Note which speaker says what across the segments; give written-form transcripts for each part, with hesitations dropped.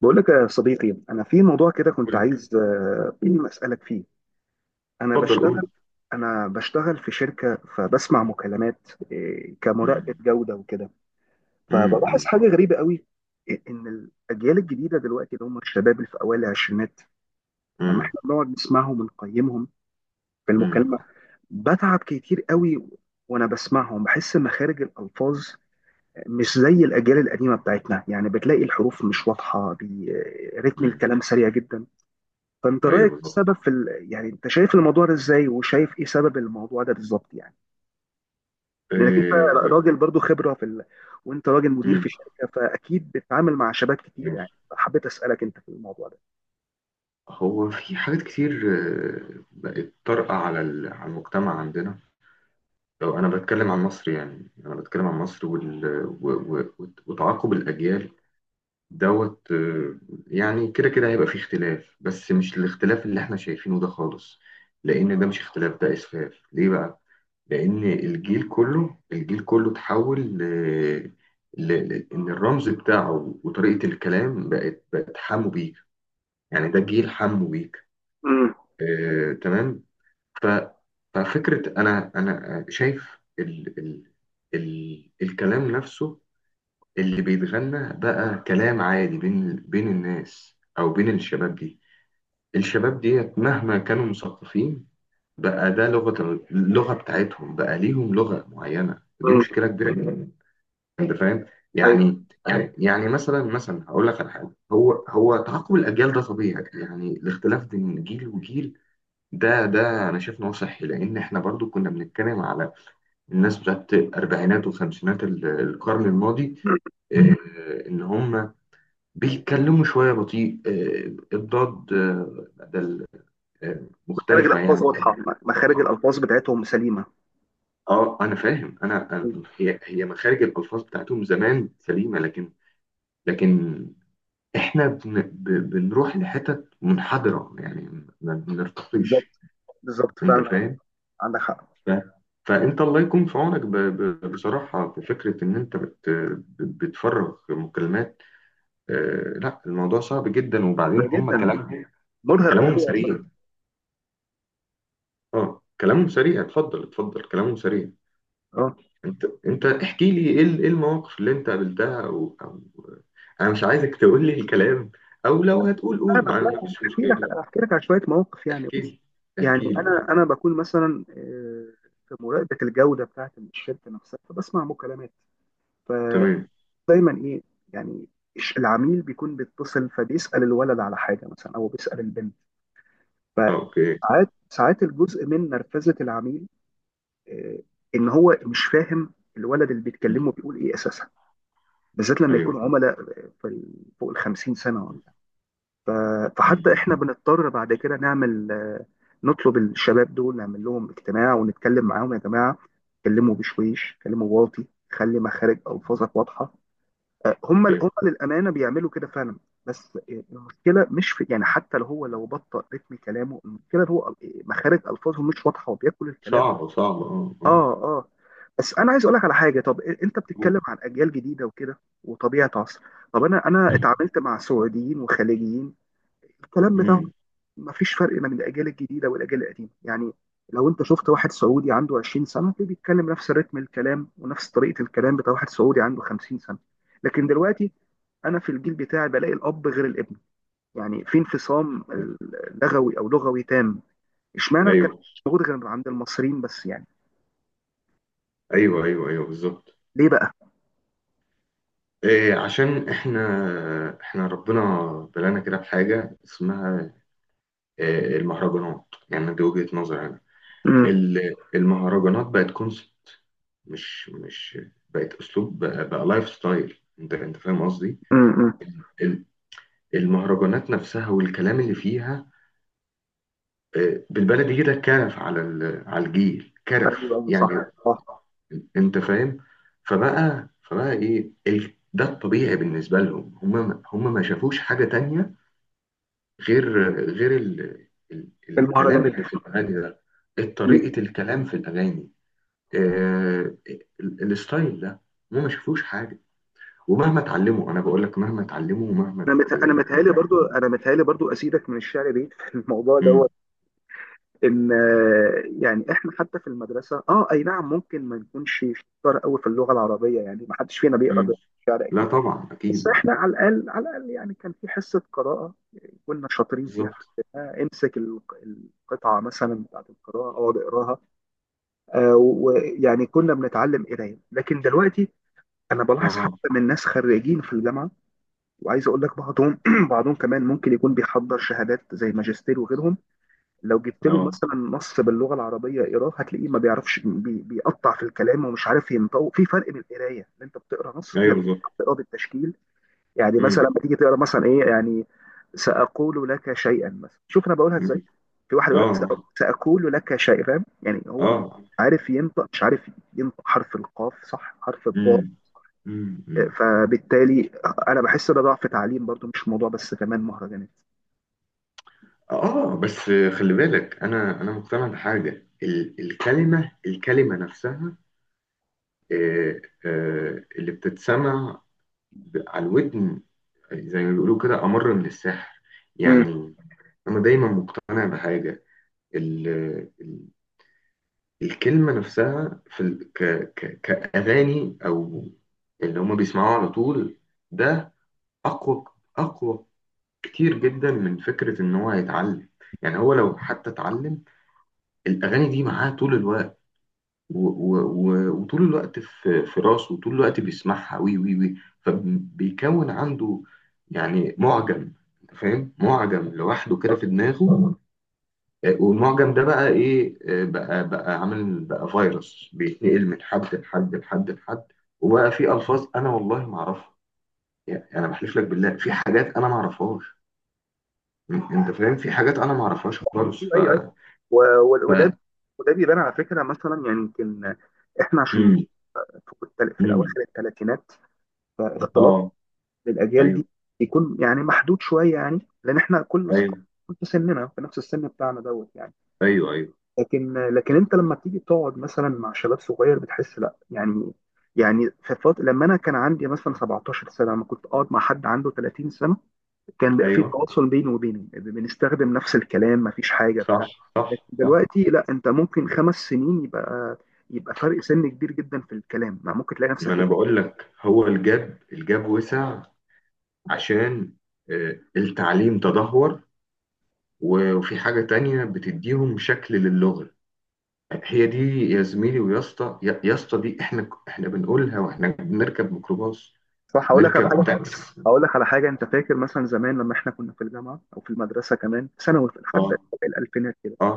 Speaker 1: بقول لك يا صديقي، انا في موضوع كده كنت
Speaker 2: قول.
Speaker 1: عايز، اسالك فيه. انا
Speaker 2: اتفضل قول.
Speaker 1: بشتغل. انا بشتغل في شركه، فبسمع مكالمات كمراقبه
Speaker 2: مم.
Speaker 1: جوده وكده. فبلاحظ
Speaker 2: مم.
Speaker 1: حاجه غريبه قوي، ان الاجيال الجديده دلوقتي اللي هم الشباب اللي في اوائل العشرينات، لما
Speaker 2: مم.
Speaker 1: احنا بنقعد نسمعهم ونقيمهم في
Speaker 2: مم.
Speaker 1: المكالمه، بتعب كتير قوي. وانا بسمعهم بحس مخارج الالفاظ مش زي الاجيال القديمه بتاعتنا، يعني بتلاقي الحروف مش واضحه رتم
Speaker 2: مم.
Speaker 1: الكلام سريع جدا. فانت رايك
Speaker 2: ايوه
Speaker 1: إيه
Speaker 2: بالظبط.
Speaker 1: السبب في يعني انت شايف الموضوع ده ازاي، وشايف ايه سبب الموضوع ده بالظبط يعني؟ لانك انت
Speaker 2: آه،
Speaker 1: راجل برضو خبره في وانت راجل مدير
Speaker 2: مم.
Speaker 1: في شركه، فاكيد بتتعامل مع شباب كتير، يعني
Speaker 2: ماشي.
Speaker 1: حبيت اسالك انت في الموضوع ده.
Speaker 2: هو في حاجات كتير بقت طارئة على المجتمع عندنا. لو انا بتكلم عن مصر، يعني انا بتكلم عن مصر وال... و... و... وت- وتعاقب الاجيال. دوت. يعني كده كده هيبقى فيه اختلاف، بس مش الاختلاف اللي احنا شايفينه ده خالص. لأن ده مش اختلاف، ده إسفاف. ليه بقى؟ لأن الجيل كله الجيل كله تحول إن الرمز بتاعه وطريقة الكلام بقت حمو بيك. يعني ده جيل حمو بيك.
Speaker 1: امم.
Speaker 2: آه، تمام. ف... ففكرة أنا شايف الكلام نفسه اللي بيتغنى بقى كلام عادي بين الناس او بين الشباب دي. الشباب ديت مهما كانوا مثقفين، بقى ده لغة اللغة بتاعتهم. بقى ليهم لغة معينة، ودي
Speaker 1: امم.
Speaker 2: مشكلة كبيرة جدا. انت فاهم؟
Speaker 1: ايوه،
Speaker 2: يعني مثلا هقول لك على حاجة. هو تعاقب الاجيال ده طبيعي، يعني الاختلاف بين جيل وجيل، ده انا شايف ان هو صحي. لان احنا برضو كنا بنتكلم على الناس بتاعت الاربعينات والخمسينات القرن الماضي. ان هم بيتكلموا شوية بطيء، الضاد، بدل،
Speaker 1: مخارج
Speaker 2: مختلفة يعني.
Speaker 1: الالفاظ واضحه. مخارج الالفاظ بتاعتهم سليمه.
Speaker 2: اه، انا فاهم. هي مخارج الالفاظ بتاعتهم زمان سليمه، لكن لكن احنا بنروح لحتت منحدره، يعني ما بنرتقيش.
Speaker 1: بالظبط. بالظبط
Speaker 2: انت
Speaker 1: فعلا.
Speaker 2: فاهم؟
Speaker 1: عندك حق.
Speaker 2: ف- فانت الله يكون في عونك. بصراحه، في فكره ان انت بتفرغ مكالمات. لا الموضوع صعب جدا، وبعدين
Speaker 1: لا،
Speaker 2: هم
Speaker 1: جدا.
Speaker 2: كلامهم
Speaker 1: مرهق
Speaker 2: كلامهم
Speaker 1: قوي يا
Speaker 2: سريع.
Speaker 1: صديقي.
Speaker 2: اه، كلامهم سريع. اتفضل اتفضل، كلامهم سريع.
Speaker 1: اه.
Speaker 2: انت احكي لي ايه ايه المواقف اللي انت قابلتها او. انا مش عايزك تقول لي الكلام، او لو هتقول قول، ما
Speaker 1: فاهمك. لا،
Speaker 2: ما
Speaker 1: أنا
Speaker 2: فيش
Speaker 1: هحكي لك،
Speaker 2: مشكله.
Speaker 1: أنا هحكي لك على شويه مواقف يعني.
Speaker 2: احكي
Speaker 1: بص،
Speaker 2: لي
Speaker 1: يعني
Speaker 2: احكي لي
Speaker 1: انا
Speaker 2: احكي
Speaker 1: انا
Speaker 2: لي.
Speaker 1: بكون مثلا، في مراقبه الجوده بتاعت الشركه نفسها، فبسمع مكالمات.
Speaker 2: تمام.
Speaker 1: فدايما ايه يعني، العميل بيكون بيتصل، فبيسال الولد على حاجه مثلا او بيسال البنت.
Speaker 2: اه، اوكي.
Speaker 1: فساعات الجزء من نرفزه العميل، آه، ان هو مش فاهم الولد اللي
Speaker 2: مم.
Speaker 1: بيتكلمه بيقول ايه اساسا. بالذات لما
Speaker 2: ايوه.
Speaker 1: يكون عملاء، في فوق ال 50 سنه. ف-
Speaker 2: مم.
Speaker 1: فحتى احنا بنضطر بعد كده نعمل، نطلب الشباب دول، نعمل لهم اجتماع ونتكلم معاهم: يا جماعه اتكلموا بشويش، اتكلموا واطي، خلي مخارج الفاظك واضحه. هم
Speaker 2: ايوه.
Speaker 1: للامانه بيعملوا كده فعلا. بس، المشكله مش في، يعني حتى لو هو لو بطأ رتم كلامه، المشكله هو، مخارج الفاظه مش واضحه وبياكل الكلام.
Speaker 2: صعبه صعبه، اه اه.
Speaker 1: اه اه. بس انا عايز اقول لك على حاجه. طب انت بتتكلم
Speaker 2: قول.
Speaker 1: عن اجيال جديده وكده، وطبيعه عصر، طب انا اتعاملت مع سعوديين وخليجيين، الكلام بتاعهم
Speaker 2: مم.
Speaker 1: مفيش فرق بين الاجيال الجديده والاجيال القديمه، يعني لو انت شفت واحد سعودي عنده 20 سنه تلاقيه بيتكلم نفس الريتم الكلام ونفس طريقه الكلام بتاع واحد سعودي عنده 50 سنه. لكن دلوقتي انا في الجيل بتاعي بلاقي الاب غير الابن، يعني في انفصام لغوي، او لغوي تام. اشمعنى الكلام
Speaker 2: ايوه
Speaker 1: ده مش موجود غير عند المصريين بس يعني؟
Speaker 2: ايوه ايوه ايوه بالظبط.
Speaker 1: ليه بقى؟
Speaker 2: إيه؟ عشان احنا ربنا بلانا كده بحاجه اسمها المهرجانات. يعني دي وجهة نظري أنا.
Speaker 1: امم.
Speaker 2: المهرجانات بقت كونسبت. مش مش بقت أسلوب، بقى لايف ستايل. أنت فاهم قصدي؟
Speaker 1: امم.
Speaker 2: ال- ال- المهرجانات نفسها والكلام اللي فيها، بالبلدي كده كرف على على الجيل كرف
Speaker 1: ايوه
Speaker 2: يعني.
Speaker 1: صح. صح.
Speaker 2: انت فاهم؟ فبقى ايه ده الطبيعي بالنسبه لهم. هم ما شافوش حاجه تانية غير الكلام
Speaker 1: المهرجانات.
Speaker 2: اللي في الاغاني ده.
Speaker 1: مم.
Speaker 2: طريقه الكلام في الاغاني، آه... الستايل ده، هم ما شافوش حاجه. ومهما اتعلموا، انا بقول لك مهما اتعلموا،
Speaker 1: انا متهيألي برضو، انا متهيألي برضو اسيدك من الشعر بعيد في الموضوع ده،
Speaker 2: مم.
Speaker 1: ان يعني احنا حتى في المدرسه، اه اي نعم، ممكن ما نكونش شطار قوي في اللغه العربيه، يعني ما حدش فينا بيقرا
Speaker 2: مم.
Speaker 1: الشعر
Speaker 2: لا،
Speaker 1: اكيد،
Speaker 2: طبعا اكيد،
Speaker 1: بس
Speaker 2: اه.
Speaker 1: احنا على الاقل، على الاقل يعني كان في حصه قراءه كنا شاطرين فيها.
Speaker 2: بالظبط.
Speaker 1: آه، امسك الق- القطعه مثلا بتاعت القراءه اقعد اقراها. ويعني كنا بنتعلم قرايه. لكن دلوقتي انا بلاحظ
Speaker 2: اه
Speaker 1: حتى من ناس خريجين في الجامعه، وعايز اقول لك بعضهم بعضهم كمان ممكن يكون بيحضر شهادات زي ماجستير وغيرهم، لو جبت له
Speaker 2: اه
Speaker 1: مثلا نص باللغه العربيه اقراه هتلاقيه ما بيعرفش، بيقطع في الكلام ومش عارف ينطوق. في فرق من القرايه ان انت بتقرا نص،
Speaker 2: ايوه بالظبط.
Speaker 1: بتقراه بالتشكيل. يعني مثلا
Speaker 2: مم.
Speaker 1: لما تيجي تقرا مثلا ايه يعني، ساقول لك شيئا، مثلا شوف انا بقولها ازاي،
Speaker 2: مم.
Speaker 1: في واحد يقول لك
Speaker 2: اه
Speaker 1: ساقول لك شيئا"، فاهم يعني هو مش
Speaker 2: اه.
Speaker 1: عارف ينطق، مش عارف ينطق حرف القاف صح، حرف الضاد.
Speaker 2: مم. مم. مم.
Speaker 1: فبالتالي انا بحس ده ضعف تعليم برضو، مش موضوع بس كمان مهرجانات.
Speaker 2: اه، بس خلي بالك، انا مقتنع بحاجه. الكلمه نفسها، اللي بتتسمع على الودن، زي ما بيقولوا كده، أمر من السحر
Speaker 1: مم.
Speaker 2: يعني. أنا دايما مقتنع بحاجة، ال ال الكلمة نفسها في ال ك ك كأغاني أو اللي هما بيسمعوه على طول، ده أقوى، أقوى كتير جدا من فكرة إن هو هيتعلم. يعني هو لو حتى اتعلم، الأغاني دي معاه طول الوقت، وطول الوقت في راسه، وطول الوقت بيسمعها، وي وي وي فبيكون عنده يعني معجم. أنت فاهم؟ معجم لوحده كده في دماغه. والمعجم ده بقى ايه؟ بقى عامل بقى فيروس بيتنقل من حد لحد لحد لحد. وبقى في الفاظ انا والله ما اعرفها. يعني انا بحلف لك بالله في حاجات انا ما اعرفهاش. انت فاهم؟ في حاجات انا ما اعرفهاش خالص.
Speaker 1: ايوه
Speaker 2: ف
Speaker 1: ايوه. و-
Speaker 2: ف
Speaker 1: وده، وده بيبان على فكره مثلا، يعني يمكن احنا عشان
Speaker 2: امم.
Speaker 1: في في
Speaker 2: امم.
Speaker 1: الاواخر الثلاثينات، فاختلاط
Speaker 2: اه.
Speaker 1: الاجيال
Speaker 2: ايوه
Speaker 1: دي يكون يعني محدود شويه يعني، لان احنا كل اصحاب
Speaker 2: ايوه
Speaker 1: في سننا في نفس السن بتاعنا دوت يعني.
Speaker 2: ايوه ايوه
Speaker 1: لكن، انت لما تيجي تقعد مثلا مع شباب صغير بتحس لا، يعني يعني في فترة لما انا كان عندي مثلا 17 سنه، لما كنت اقعد مع حد عنده 30 سنه، كان بقى في
Speaker 2: ايوه.
Speaker 1: تواصل بيني وبينه، بنستخدم نفس الكلام، مفيش حاجه بتاع.
Speaker 2: صح. صح
Speaker 1: لكن
Speaker 2: صح.
Speaker 1: دلوقتي لا، انت ممكن 5 سنين يبقى، يبقى فرق سن كبير جدا في الكلام، ما ممكن تلاقي
Speaker 2: ما
Speaker 1: نفسك
Speaker 2: انا
Speaker 1: ايه.
Speaker 2: بقول لك، هو الجاب وسع عشان التعليم تدهور. وفي حاجة تانية بتديهم شكل للغة، هي دي. يا زميلي، ويا اسطى، يا اسطى دي احنا احنا بنقولها واحنا بنركب ميكروباص،
Speaker 1: صح. هقول لك على حاجه،
Speaker 2: نركب تاكسي.
Speaker 1: هقول لك على حاجه، انت فاكر مثلا زمان لما احنا كنا في الجامعه او في المدرسه كمان في ثانوي، لحد
Speaker 2: اه
Speaker 1: الالفينات كده،
Speaker 2: اه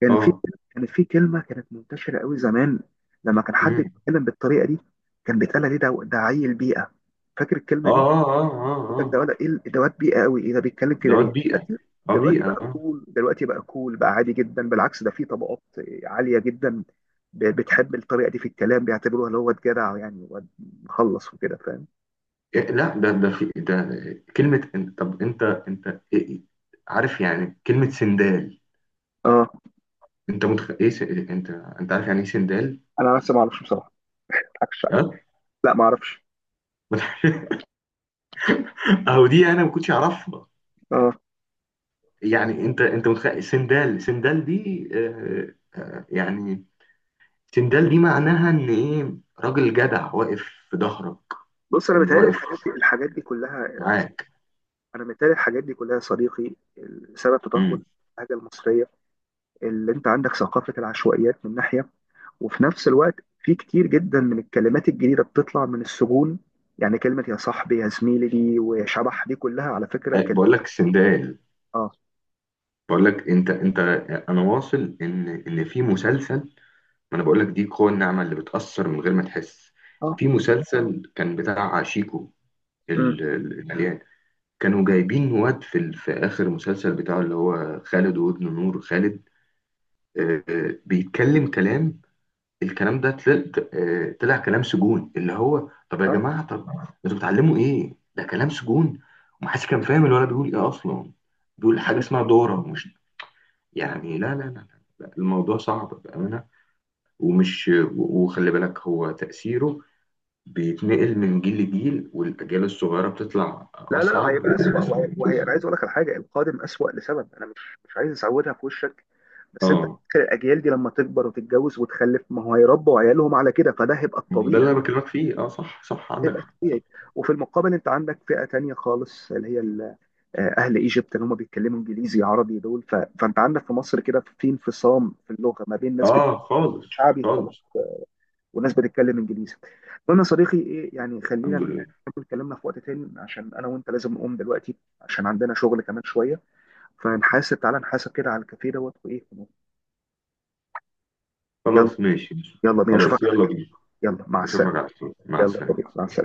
Speaker 1: كان في،
Speaker 2: اه.
Speaker 1: كان في كلمه كانت منتشره قوي زمان، لما كان حد
Speaker 2: مم.
Speaker 1: بيتكلم بالطريقه دي كان بيتقال عليه: ده ده عيل بيئه. فاكر الكلمه
Speaker 2: اه
Speaker 1: دي؟
Speaker 2: اه اه اه
Speaker 1: ده
Speaker 2: اه.
Speaker 1: ولا ايه الادوات، بيئه قوي، ايه ده بيتكلم كده
Speaker 2: دوت.
Speaker 1: ليه!
Speaker 2: بيئة.
Speaker 1: دلوقتي،
Speaker 2: اه،
Speaker 1: دلوقتي
Speaker 2: بيئة،
Speaker 1: بقى
Speaker 2: اه.
Speaker 1: كول، دلوقتي بقى كول، بقى عادي جدا، بالعكس ده في طبقات عاليه جدا بتحب الطريقه دي في الكلام، بيعتبروها اللي هو واد جدع، يعني واد مخلص وكده، فاهم.
Speaker 2: إيه، لا، ده في ده كلمة. طب، عارف يعني كلمة سندال؟
Speaker 1: اه.
Speaker 2: انت انت عارف يعني ايه سندال؟
Speaker 1: انا لسه ما اعرفش بصراحه. ما اضحكش عليك.
Speaker 2: ها؟
Speaker 1: لا ما اعرفش.
Speaker 2: اهو دي انا ما كنتش اعرفها.
Speaker 1: اه.
Speaker 2: يعني انت متخيل سندال سندال دي. يعني سندال دي معناها ان ايه؟ راجل جدع واقف في ظهرك،
Speaker 1: بص، انا
Speaker 2: ان
Speaker 1: متهيألي
Speaker 2: واقف
Speaker 1: الحاجات دي، الحاجات دي كلها،
Speaker 2: معاك.
Speaker 1: انا متهيألي الحاجات دي كلها يا صديقي سبب تدهور
Speaker 2: امم.
Speaker 1: اللهجه المصريه. اللي انت عندك ثقافه العشوائيات من ناحيه، وفي نفس الوقت في كتير جدا من الكلمات الجديدة بتطلع من السجون. يعني كلمة يا صاحبي، يا زميلي دي، وشبح دي، كلها على فكرة كلمة.
Speaker 2: بقول لك سندال،
Speaker 1: اه
Speaker 2: بقول لك انت انا واصل ان في مسلسل. ما انا بقول لك، دي قوة النعمة اللي بتأثر من غير ما تحس.
Speaker 1: اه.
Speaker 2: في مسلسل كان بتاع شيكو،
Speaker 1: امم.
Speaker 2: المليان، كانوا جايبين واد في اخر المسلسل بتاعه، اللي هو خالد وابن نور خالد، بيتكلم كلام. الكلام ده طلع كلام سجون. اللي هو طب يا
Speaker 1: اه.
Speaker 2: جماعه، طب انتوا بتعلموا ايه؟ ده كلام سجون. ومحدش كان فاهم الولد بيقول ايه اصلا. بيقول حاجه اسمها دوره مش يعني. لا لا لا, لا. لا، الموضوع صعب بامانه. وخلي بالك هو تاثيره بيتنقل من جيل لجيل، والاجيال الصغيره بتطلع
Speaker 1: لا لا لا،
Speaker 2: اصعب
Speaker 1: هيبقى أسوأ. وهي، وهي، أنا عايز أقول لك على حاجة: القادم أسوأ لسبب، أنا مش، مش عايز أسودها في وشك، بس أنت
Speaker 2: اه.
Speaker 1: فاكر الأجيال دي لما تكبر وتتجوز وتخلف، ما هو هيربوا عيالهم على كده، فده هيبقى
Speaker 2: ما هو
Speaker 1: الطبيعي.
Speaker 2: ده اللي انا بكلمك فيه. اه صح صح،
Speaker 1: هيبقى
Speaker 2: عندك حق، صح.
Speaker 1: الطبيعي. وفي المقابل أنت عندك فئة تانية خالص اللي هي، اهل ايجيبت اللي هم بيتكلموا انجليزي عربي، دول فانت عندك في مصر كده في انفصام في اللغه، ما بين ناس
Speaker 2: اه،
Speaker 1: بتتكلم
Speaker 2: خالص
Speaker 1: شعبي خالص،
Speaker 2: خالص.
Speaker 1: وناس بتتكلم انجليزي. المهم يا صديقي ايه يعني،
Speaker 2: الحمد
Speaker 1: خلينا
Speaker 2: لله.
Speaker 1: نكمل كلامنا في وقت تاني، عشان انا وانت لازم نقوم دلوقتي، عشان عندنا شغل كمان شويه. فنحاسب، تعالى نحاسب كده على الكافيه دوت وايه. يلا.
Speaker 2: خلاص ماشي ماشي.
Speaker 1: يلا بينا،
Speaker 2: خلاص
Speaker 1: اشوفك على
Speaker 2: يلا
Speaker 1: خير.
Speaker 2: بينا.
Speaker 1: يلا مع
Speaker 2: اشوفك
Speaker 1: السلامه.
Speaker 2: على خير، مع
Speaker 1: يلا يا صديقي،
Speaker 2: السلامة.
Speaker 1: مع السلامه.